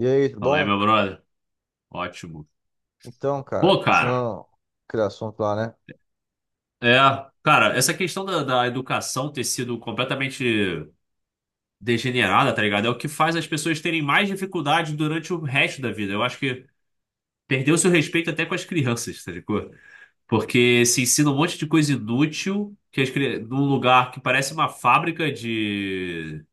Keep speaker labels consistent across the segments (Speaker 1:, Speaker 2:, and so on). Speaker 1: E aí, tudo
Speaker 2: Fala aí,
Speaker 1: bom?
Speaker 2: meu brother. Ótimo.
Speaker 1: Então, cara,
Speaker 2: Pô, cara,
Speaker 1: continuando aquele assunto lá, né?
Speaker 2: é. Cara, essa questão da educação ter sido completamente degenerada, tá ligado? É o que faz as pessoas terem mais dificuldade durante o resto da vida. Eu acho que perdeu-se o respeito até com as crianças, tá ligado? Porque se ensina um monte de coisa inútil que num lugar que parece uma fábrica de.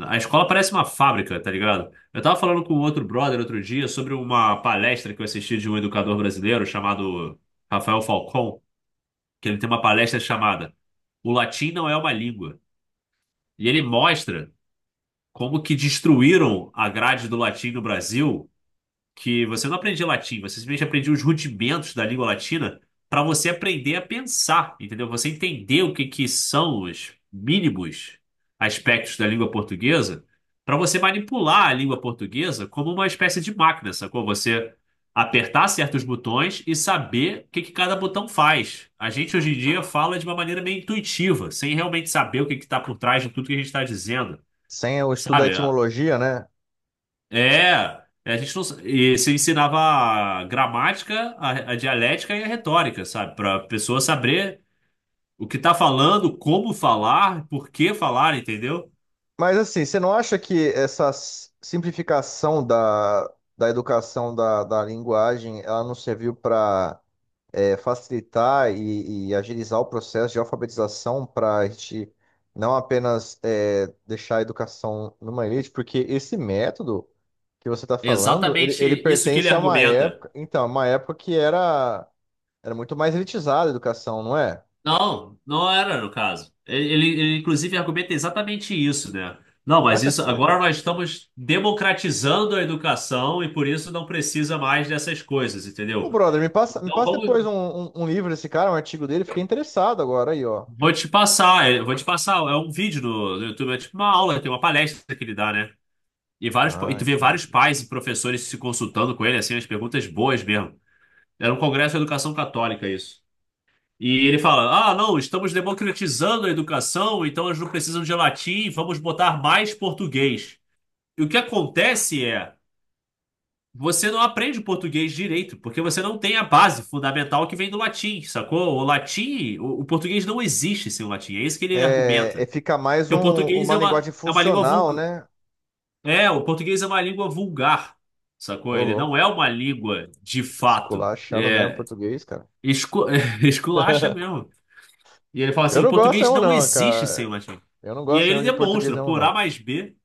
Speaker 2: A escola parece uma fábrica, tá ligado? Eu tava falando com outro brother outro dia sobre uma palestra que eu assisti de um educador brasileiro chamado Rafael Falcão, que ele tem uma palestra chamada O Latim Não É Uma Língua. E ele mostra como que destruíram a grade do latim no Brasil, que você não aprendia latim, você simplesmente aprendia os rudimentos da língua latina para você aprender a pensar, entendeu? Você entender o que que são os mínimos aspectos da língua portuguesa para você manipular a língua portuguesa como uma espécie de máquina, sacou? Você apertar certos botões e saber o que que cada botão faz. A gente hoje em dia fala de uma maneira meio intuitiva, sem realmente saber o que que está por trás de tudo que a gente está dizendo.
Speaker 1: Sem o estudo da
Speaker 2: Sabe?
Speaker 1: etimologia, né?
Speaker 2: É, a gente não, e você ensinava a gramática, a dialética e a retórica, sabe? Para a pessoa saber o que tá falando, como falar, por que falar, entendeu?
Speaker 1: Mas assim, você não acha que essa simplificação da educação da linguagem, ela não serviu para facilitar e agilizar o processo de alfabetização para a gente não apenas deixar a educação numa elite? Porque esse método que você está
Speaker 2: É
Speaker 1: falando,
Speaker 2: exatamente
Speaker 1: ele
Speaker 2: isso que ele
Speaker 1: pertence a uma
Speaker 2: argumenta.
Speaker 1: época, então, uma época que era Era muito mais elitizada a educação, não é?
Speaker 2: Não, não era no caso. Ele inclusive argumenta exatamente isso, né? Não, mas
Speaker 1: Caraca,
Speaker 2: isso agora
Speaker 1: sério.
Speaker 2: nós estamos democratizando a educação e por isso não precisa mais dessas coisas,
Speaker 1: Ô,
Speaker 2: entendeu?
Speaker 1: brother, me
Speaker 2: Então
Speaker 1: passa depois
Speaker 2: vamos.
Speaker 1: um livro desse cara, um artigo dele. Fiquei interessado agora aí, ó.
Speaker 2: Vou te passar. É um vídeo no YouTube, é tipo uma aula, tem uma palestra que ele dá, né? E vários, e
Speaker 1: Ah,
Speaker 2: tu vê vários
Speaker 1: entendi.
Speaker 2: pais e professores se consultando com ele, assim, as perguntas boas mesmo. Era um congresso de educação católica, isso. E ele fala: Ah, não, estamos democratizando a educação, então eles não precisam de latim, vamos botar mais português. E o que acontece é, você não aprende português direito, porque você não tem a base fundamental que vem do latim, sacou? O latim, o português não existe sem o latim, é isso que ele
Speaker 1: É, é,
Speaker 2: argumenta.
Speaker 1: fica mais
Speaker 2: Porque o português
Speaker 1: uma linguagem
Speaker 2: é uma língua
Speaker 1: funcional,
Speaker 2: vulgar.
Speaker 1: né?
Speaker 2: É, o português é uma língua vulgar, sacou?
Speaker 1: Ô,
Speaker 2: Ele não
Speaker 1: louco.
Speaker 2: é uma língua de fato.
Speaker 1: Esculachando mesmo
Speaker 2: É,
Speaker 1: português, cara.
Speaker 2: escu- esculacha mesmo. E ele fala
Speaker 1: Eu
Speaker 2: assim: o
Speaker 1: não gosto
Speaker 2: português
Speaker 1: não,
Speaker 2: não
Speaker 1: não,
Speaker 2: existe sem
Speaker 1: cara.
Speaker 2: o latim.
Speaker 1: Eu não
Speaker 2: E aí
Speaker 1: gosto
Speaker 2: ele
Speaker 1: não de português
Speaker 2: demonstra,
Speaker 1: não,
Speaker 2: por A
Speaker 1: não.
Speaker 2: mais B,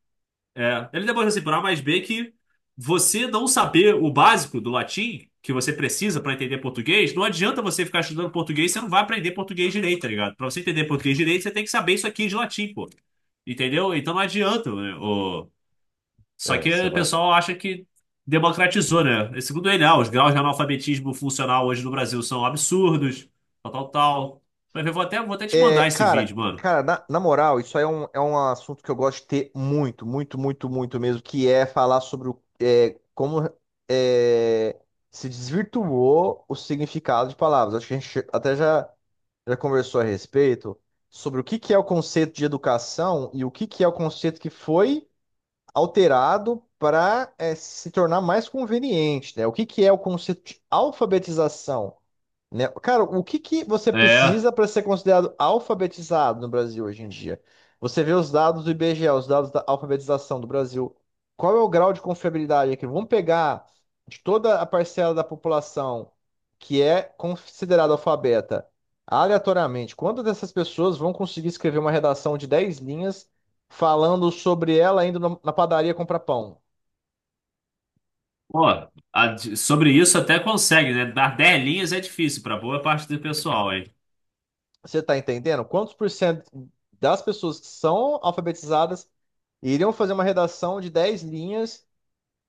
Speaker 2: é, ele demonstra assim, por A mais B, que você não saber o básico do latim, que você precisa para entender português, não adianta você ficar estudando português, você não vai aprender português direito, tá ligado? Para você entender português direito, você tem que saber isso aqui de latim, pô. Entendeu? Então não adianta, né? O... Só
Speaker 1: É,
Speaker 2: que
Speaker 1: você
Speaker 2: o
Speaker 1: vai.
Speaker 2: pessoal acha que democratizou, né? E segundo ele, ah, os graus de analfabetismo funcional hoje no Brasil são absurdos, tal, tal, tal. Mas vou até te mandar
Speaker 1: É,
Speaker 2: esse vídeo, mano.
Speaker 1: cara, na moral, isso aí é é um assunto que eu gosto de ter muito, muito, muito, muito mesmo, que é falar sobre como é, se desvirtuou o significado de palavras. Acho que a gente até já, já conversou a respeito sobre o que que é o conceito de educação e o que que é o conceito que foi alterado para se tornar mais conveniente, né? O que que é o conceito de alfabetização? Né? Cara, o que que você
Speaker 2: É.
Speaker 1: precisa para ser considerado alfabetizado no Brasil hoje em dia? Você vê os dados do IBGE, os dados da alfabetização do Brasil. Qual é o grau de confiabilidade aqui? Vamos pegar de toda a parcela da população que é considerada alfabeta, aleatoriamente, quantas dessas pessoas vão conseguir escrever uma redação de 10 linhas falando sobre ela indo na na padaria comprar pão?
Speaker 2: Pô, sobre isso até consegue, né? Dar 10 linhas é difícil para boa parte do pessoal, hein?
Speaker 1: Você está entendendo? Quantos por cento das pessoas que são alfabetizadas iriam fazer uma redação de 10 linhas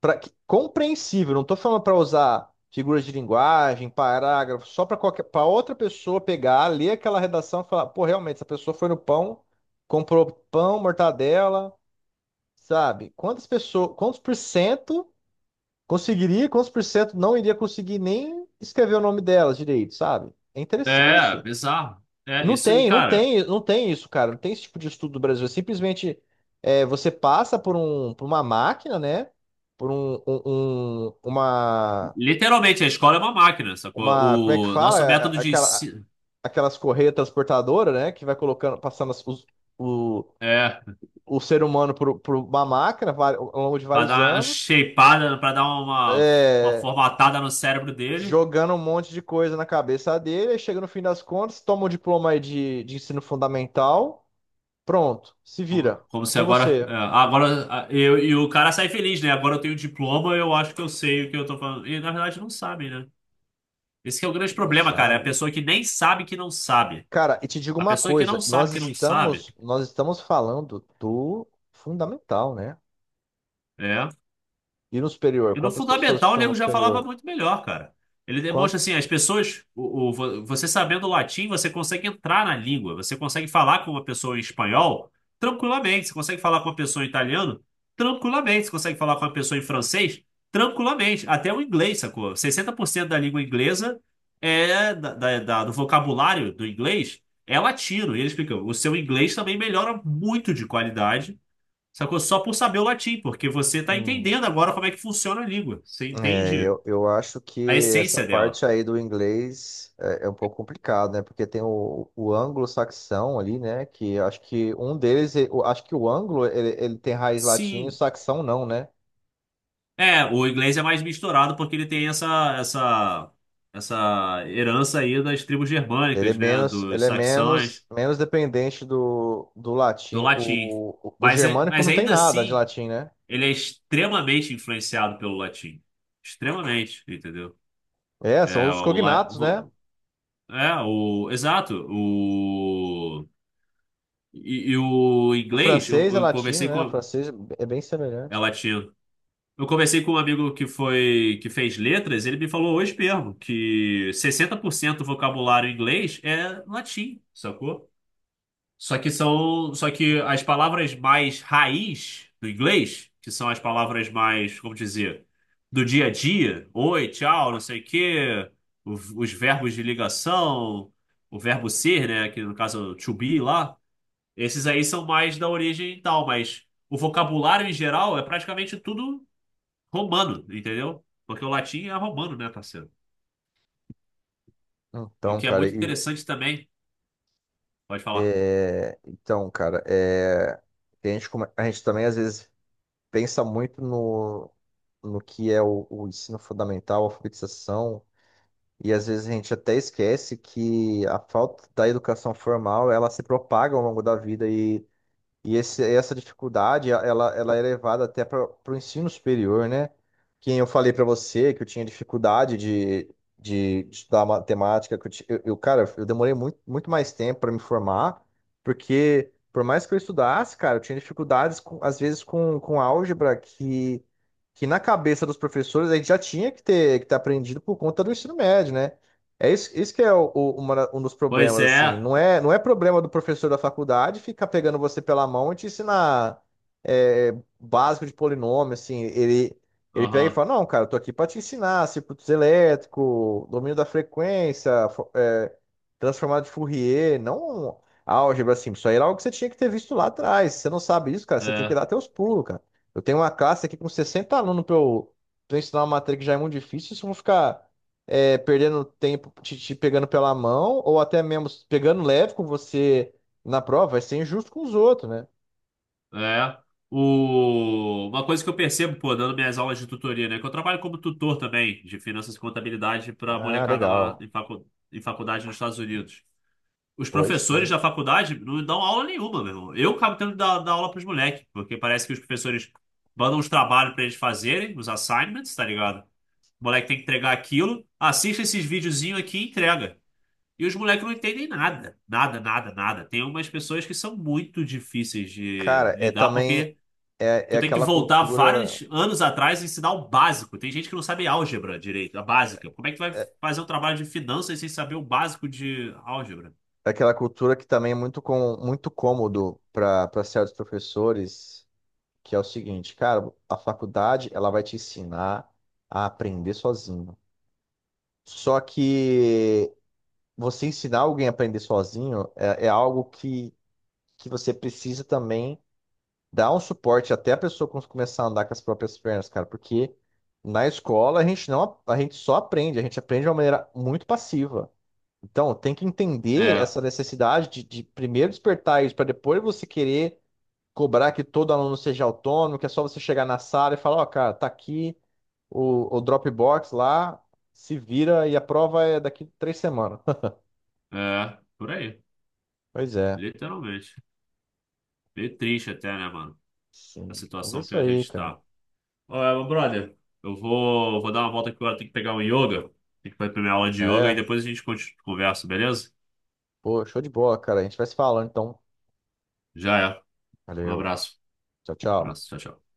Speaker 1: para compreensível? Não estou falando para usar figuras de linguagem, parágrafo, só para qualquer, para outra pessoa pegar, ler aquela redação e falar, pô, realmente, essa pessoa foi no pão, comprou pão, mortadela, sabe? Quantas pessoas, quantos por cento não iria conseguir nem escrever o nome delas direito, sabe? É
Speaker 2: É,
Speaker 1: interessante.
Speaker 2: bizarro. É, isso, e, cara,
Speaker 1: Não tem isso, cara. Não tem esse tipo de estudo do Brasil. É simplesmente você passa por uma máquina, né? Por um, um- um-
Speaker 2: literalmente a escola é uma máquina,
Speaker 1: uma, Como é que
Speaker 2: sacou? O
Speaker 1: fala?
Speaker 2: nosso método de ensino
Speaker 1: Aquelas correias transportadoras, né? Que vai colocando, passando o,
Speaker 2: é
Speaker 1: o ser humano por uma máquina ao longo de
Speaker 2: para
Speaker 1: vários
Speaker 2: dar uma
Speaker 1: anos,
Speaker 2: shapeada, para dar uma
Speaker 1: é,
Speaker 2: formatada no cérebro dele,
Speaker 1: jogando um monte de coisa na cabeça dele. Aí chega no fim das contas, toma o diploma aí de ensino fundamental. Pronto, se
Speaker 2: como,
Speaker 1: vira.
Speaker 2: como
Speaker 1: É
Speaker 2: se
Speaker 1: com
Speaker 2: agora,
Speaker 1: você.
Speaker 2: é, agora e o cara sai feliz, né? Agora eu tenho diploma, eu acho que eu sei o que eu tô falando. E na verdade não sabe, né? Esse que é o grande
Speaker 1: Não
Speaker 2: problema, cara, é a
Speaker 1: sabe. Meu.
Speaker 2: pessoa que nem sabe que não sabe.
Speaker 1: Cara, e te digo
Speaker 2: A
Speaker 1: uma
Speaker 2: pessoa
Speaker 1: coisa,
Speaker 2: que não sabe,
Speaker 1: nós estamos falando do fundamental, né?
Speaker 2: é.
Speaker 1: E no superior,
Speaker 2: E no
Speaker 1: quantas pessoas que
Speaker 2: fundamental o
Speaker 1: estão no
Speaker 2: nego já falava
Speaker 1: superior?
Speaker 2: muito melhor, cara. Ele demonstra
Speaker 1: Quanto...
Speaker 2: assim, as pessoas, você sabendo latim, você consegue entrar na língua, você consegue falar com uma pessoa em espanhol tranquilamente, você consegue falar com uma pessoa em italiano tranquilamente, você consegue falar com uma pessoa em francês tranquilamente, até o inglês, sacou? 60% da língua inglesa do vocabulário do inglês é latino. E ele explica, o seu inglês também melhora muito de qualidade. Sacou? Só por saber o latim, porque você está
Speaker 1: Hum,
Speaker 2: entendendo agora como é que funciona a língua. Você entende
Speaker 1: eu acho
Speaker 2: a
Speaker 1: que essa
Speaker 2: essência dela.
Speaker 1: parte aí do inglês é um pouco complicado, né? Porque tem o anglo-saxão ali, né? Que eu acho que um deles, eu acho que o anglo ele tem raiz latina e o
Speaker 2: Sim.
Speaker 1: saxão não, né?
Speaker 2: É, o inglês é mais misturado porque ele tem essa herança aí das tribos germânicas, né?
Speaker 1: Ele
Speaker 2: Dos
Speaker 1: é menos,
Speaker 2: saxões,
Speaker 1: menos dependente do
Speaker 2: do
Speaker 1: latim.
Speaker 2: latim.
Speaker 1: O
Speaker 2: Mas,
Speaker 1: germânico
Speaker 2: mas
Speaker 1: não tem
Speaker 2: ainda
Speaker 1: nada de
Speaker 2: assim,
Speaker 1: latim, né?
Speaker 2: ele é extremamente influenciado pelo latim. Extremamente, entendeu?
Speaker 1: É, são
Speaker 2: É,
Speaker 1: os
Speaker 2: o, la-
Speaker 1: cognatos, né?
Speaker 2: vo- é, o, exato, o, e o
Speaker 1: O
Speaker 2: inglês,
Speaker 1: francês é
Speaker 2: eu
Speaker 1: latino,
Speaker 2: conversei
Speaker 1: né? O
Speaker 2: com...
Speaker 1: francês é bem
Speaker 2: É
Speaker 1: semelhante.
Speaker 2: latino. Eu conversei com um amigo que foi que fez letras, ele me falou hoje mesmo que 60% do vocabulário em inglês é latim, sacou? Só que as palavras mais raiz do inglês, que são as palavras mais, como dizer, do dia a dia, oi, tchau, não sei o quê, o- os verbos de ligação, o verbo ser, né, que no caso é o to be lá, esses aí são mais da origem e tal, mas o vocabulário em geral é praticamente tudo romano, entendeu? Porque o latim é romano, né, parceiro? E o
Speaker 1: Então,
Speaker 2: que é
Speaker 1: cara,
Speaker 2: muito
Speaker 1: e,
Speaker 2: interessante também, pode falar.
Speaker 1: é, então, cara, é, a gente, a gente também às vezes pensa muito no que é o ensino fundamental, a alfabetização, e às vezes a gente até esquece que a falta da educação formal, ela se propaga ao longo da vida. Essa dificuldade, ela é levada até para o ensino superior, né? Quem eu falei para você que eu tinha dificuldade de estudar matemática, que eu, ti- eu, cara, eu demorei muito, muito mais tempo para me formar, porque por mais que eu estudasse, cara, eu tinha dificuldades, com, às vezes, com álgebra que na cabeça dos professores a gente já tinha que que ter aprendido por conta do ensino médio, né? Isso que é um dos
Speaker 2: Pois
Speaker 1: problemas, assim.
Speaker 2: é,
Speaker 1: Não é problema do professor da faculdade ficar pegando você pela mão e te ensinar é, básico de polinômio, assim. Ele pega e
Speaker 2: aham,
Speaker 1: fala, não, cara, eu tô aqui pra te ensinar circuitos elétricos, domínio da frequência, transformado de Fourier, não álgebra, assim. Isso aí era algo que você tinha que ter visto lá atrás. Se você não sabe isso, cara, você tem que
Speaker 2: é,
Speaker 1: dar teus pulos, cara. Eu tenho uma classe aqui com 60 alunos pra eu ensinar uma matéria que já é muito difícil. Se eu vou ficar perdendo tempo, te pegando pela mão, ou até mesmo pegando leve com você na prova, vai ser injusto com os outros, né?
Speaker 2: é. O... Uma coisa que eu percebo, pô, dando minhas aulas de tutoria, né, que eu trabalho como tutor também de finanças e contabilidade para
Speaker 1: Ah,
Speaker 2: molecada lá
Speaker 1: legal.
Speaker 2: em, facu... em faculdade nos Estados Unidos. Os
Speaker 1: Pois
Speaker 2: professores
Speaker 1: sim.
Speaker 2: da faculdade não dão aula nenhuma, meu irmão. Eu acabo tendo que dar aula pros moleques, porque parece que os professores mandam os trabalhos para eles fazerem, os assignments, tá ligado? O moleque tem que entregar aquilo, assiste esses videozinhos aqui e entrega. E os moleques não entendem nada. Nada, nada, nada. Tem umas pessoas que são muito difíceis de
Speaker 1: Cara, é
Speaker 2: lidar,
Speaker 1: também
Speaker 2: porque
Speaker 1: é, é
Speaker 2: tu tem que
Speaker 1: aquela
Speaker 2: voltar
Speaker 1: cultura,
Speaker 2: vários anos atrás e ensinar o básico. Tem gente que não sabe álgebra direito, a básica. Como é que tu vai
Speaker 1: é,
Speaker 2: fazer um trabalho de finanças sem saber o básico de álgebra?
Speaker 1: é aquela cultura que também é muito cômodo para para certos professores, que é o seguinte, cara, a faculdade ela vai te ensinar a aprender sozinho. Só que você ensinar alguém a aprender sozinho é algo que você precisa também dar um suporte até a pessoa começar a andar com as próprias pernas, cara, porque na escola a gente não, a gente só aprende, a gente aprende de uma maneira muito passiva. Então, tem que entender
Speaker 2: É,
Speaker 1: essa necessidade de primeiro despertar isso, para depois você querer cobrar que todo aluno seja autônomo, que é só você chegar na sala e falar, ó, cara, tá aqui o Dropbox lá, se vira e a prova é daqui 3 semanas.
Speaker 2: por aí.
Speaker 1: Pois é,
Speaker 2: Literalmente. Meio triste até, né, mano? A
Speaker 1: sim. Mas é
Speaker 2: situação que
Speaker 1: isso
Speaker 2: a
Speaker 1: aí,
Speaker 2: gente
Speaker 1: cara.
Speaker 2: tá. Ô, brother, vou dar uma volta aqui agora, tenho que pegar um yoga. Tem que fazer a primeira aula de yoga e
Speaker 1: É,
Speaker 2: depois a gente conversa, beleza?
Speaker 1: Pô, show de bola, cara. A gente vai se falando, então.
Speaker 2: Já é. Um
Speaker 1: Valeu.
Speaker 2: abraço.
Speaker 1: Tchau, tchau.
Speaker 2: Abraço. Tchau, tchau.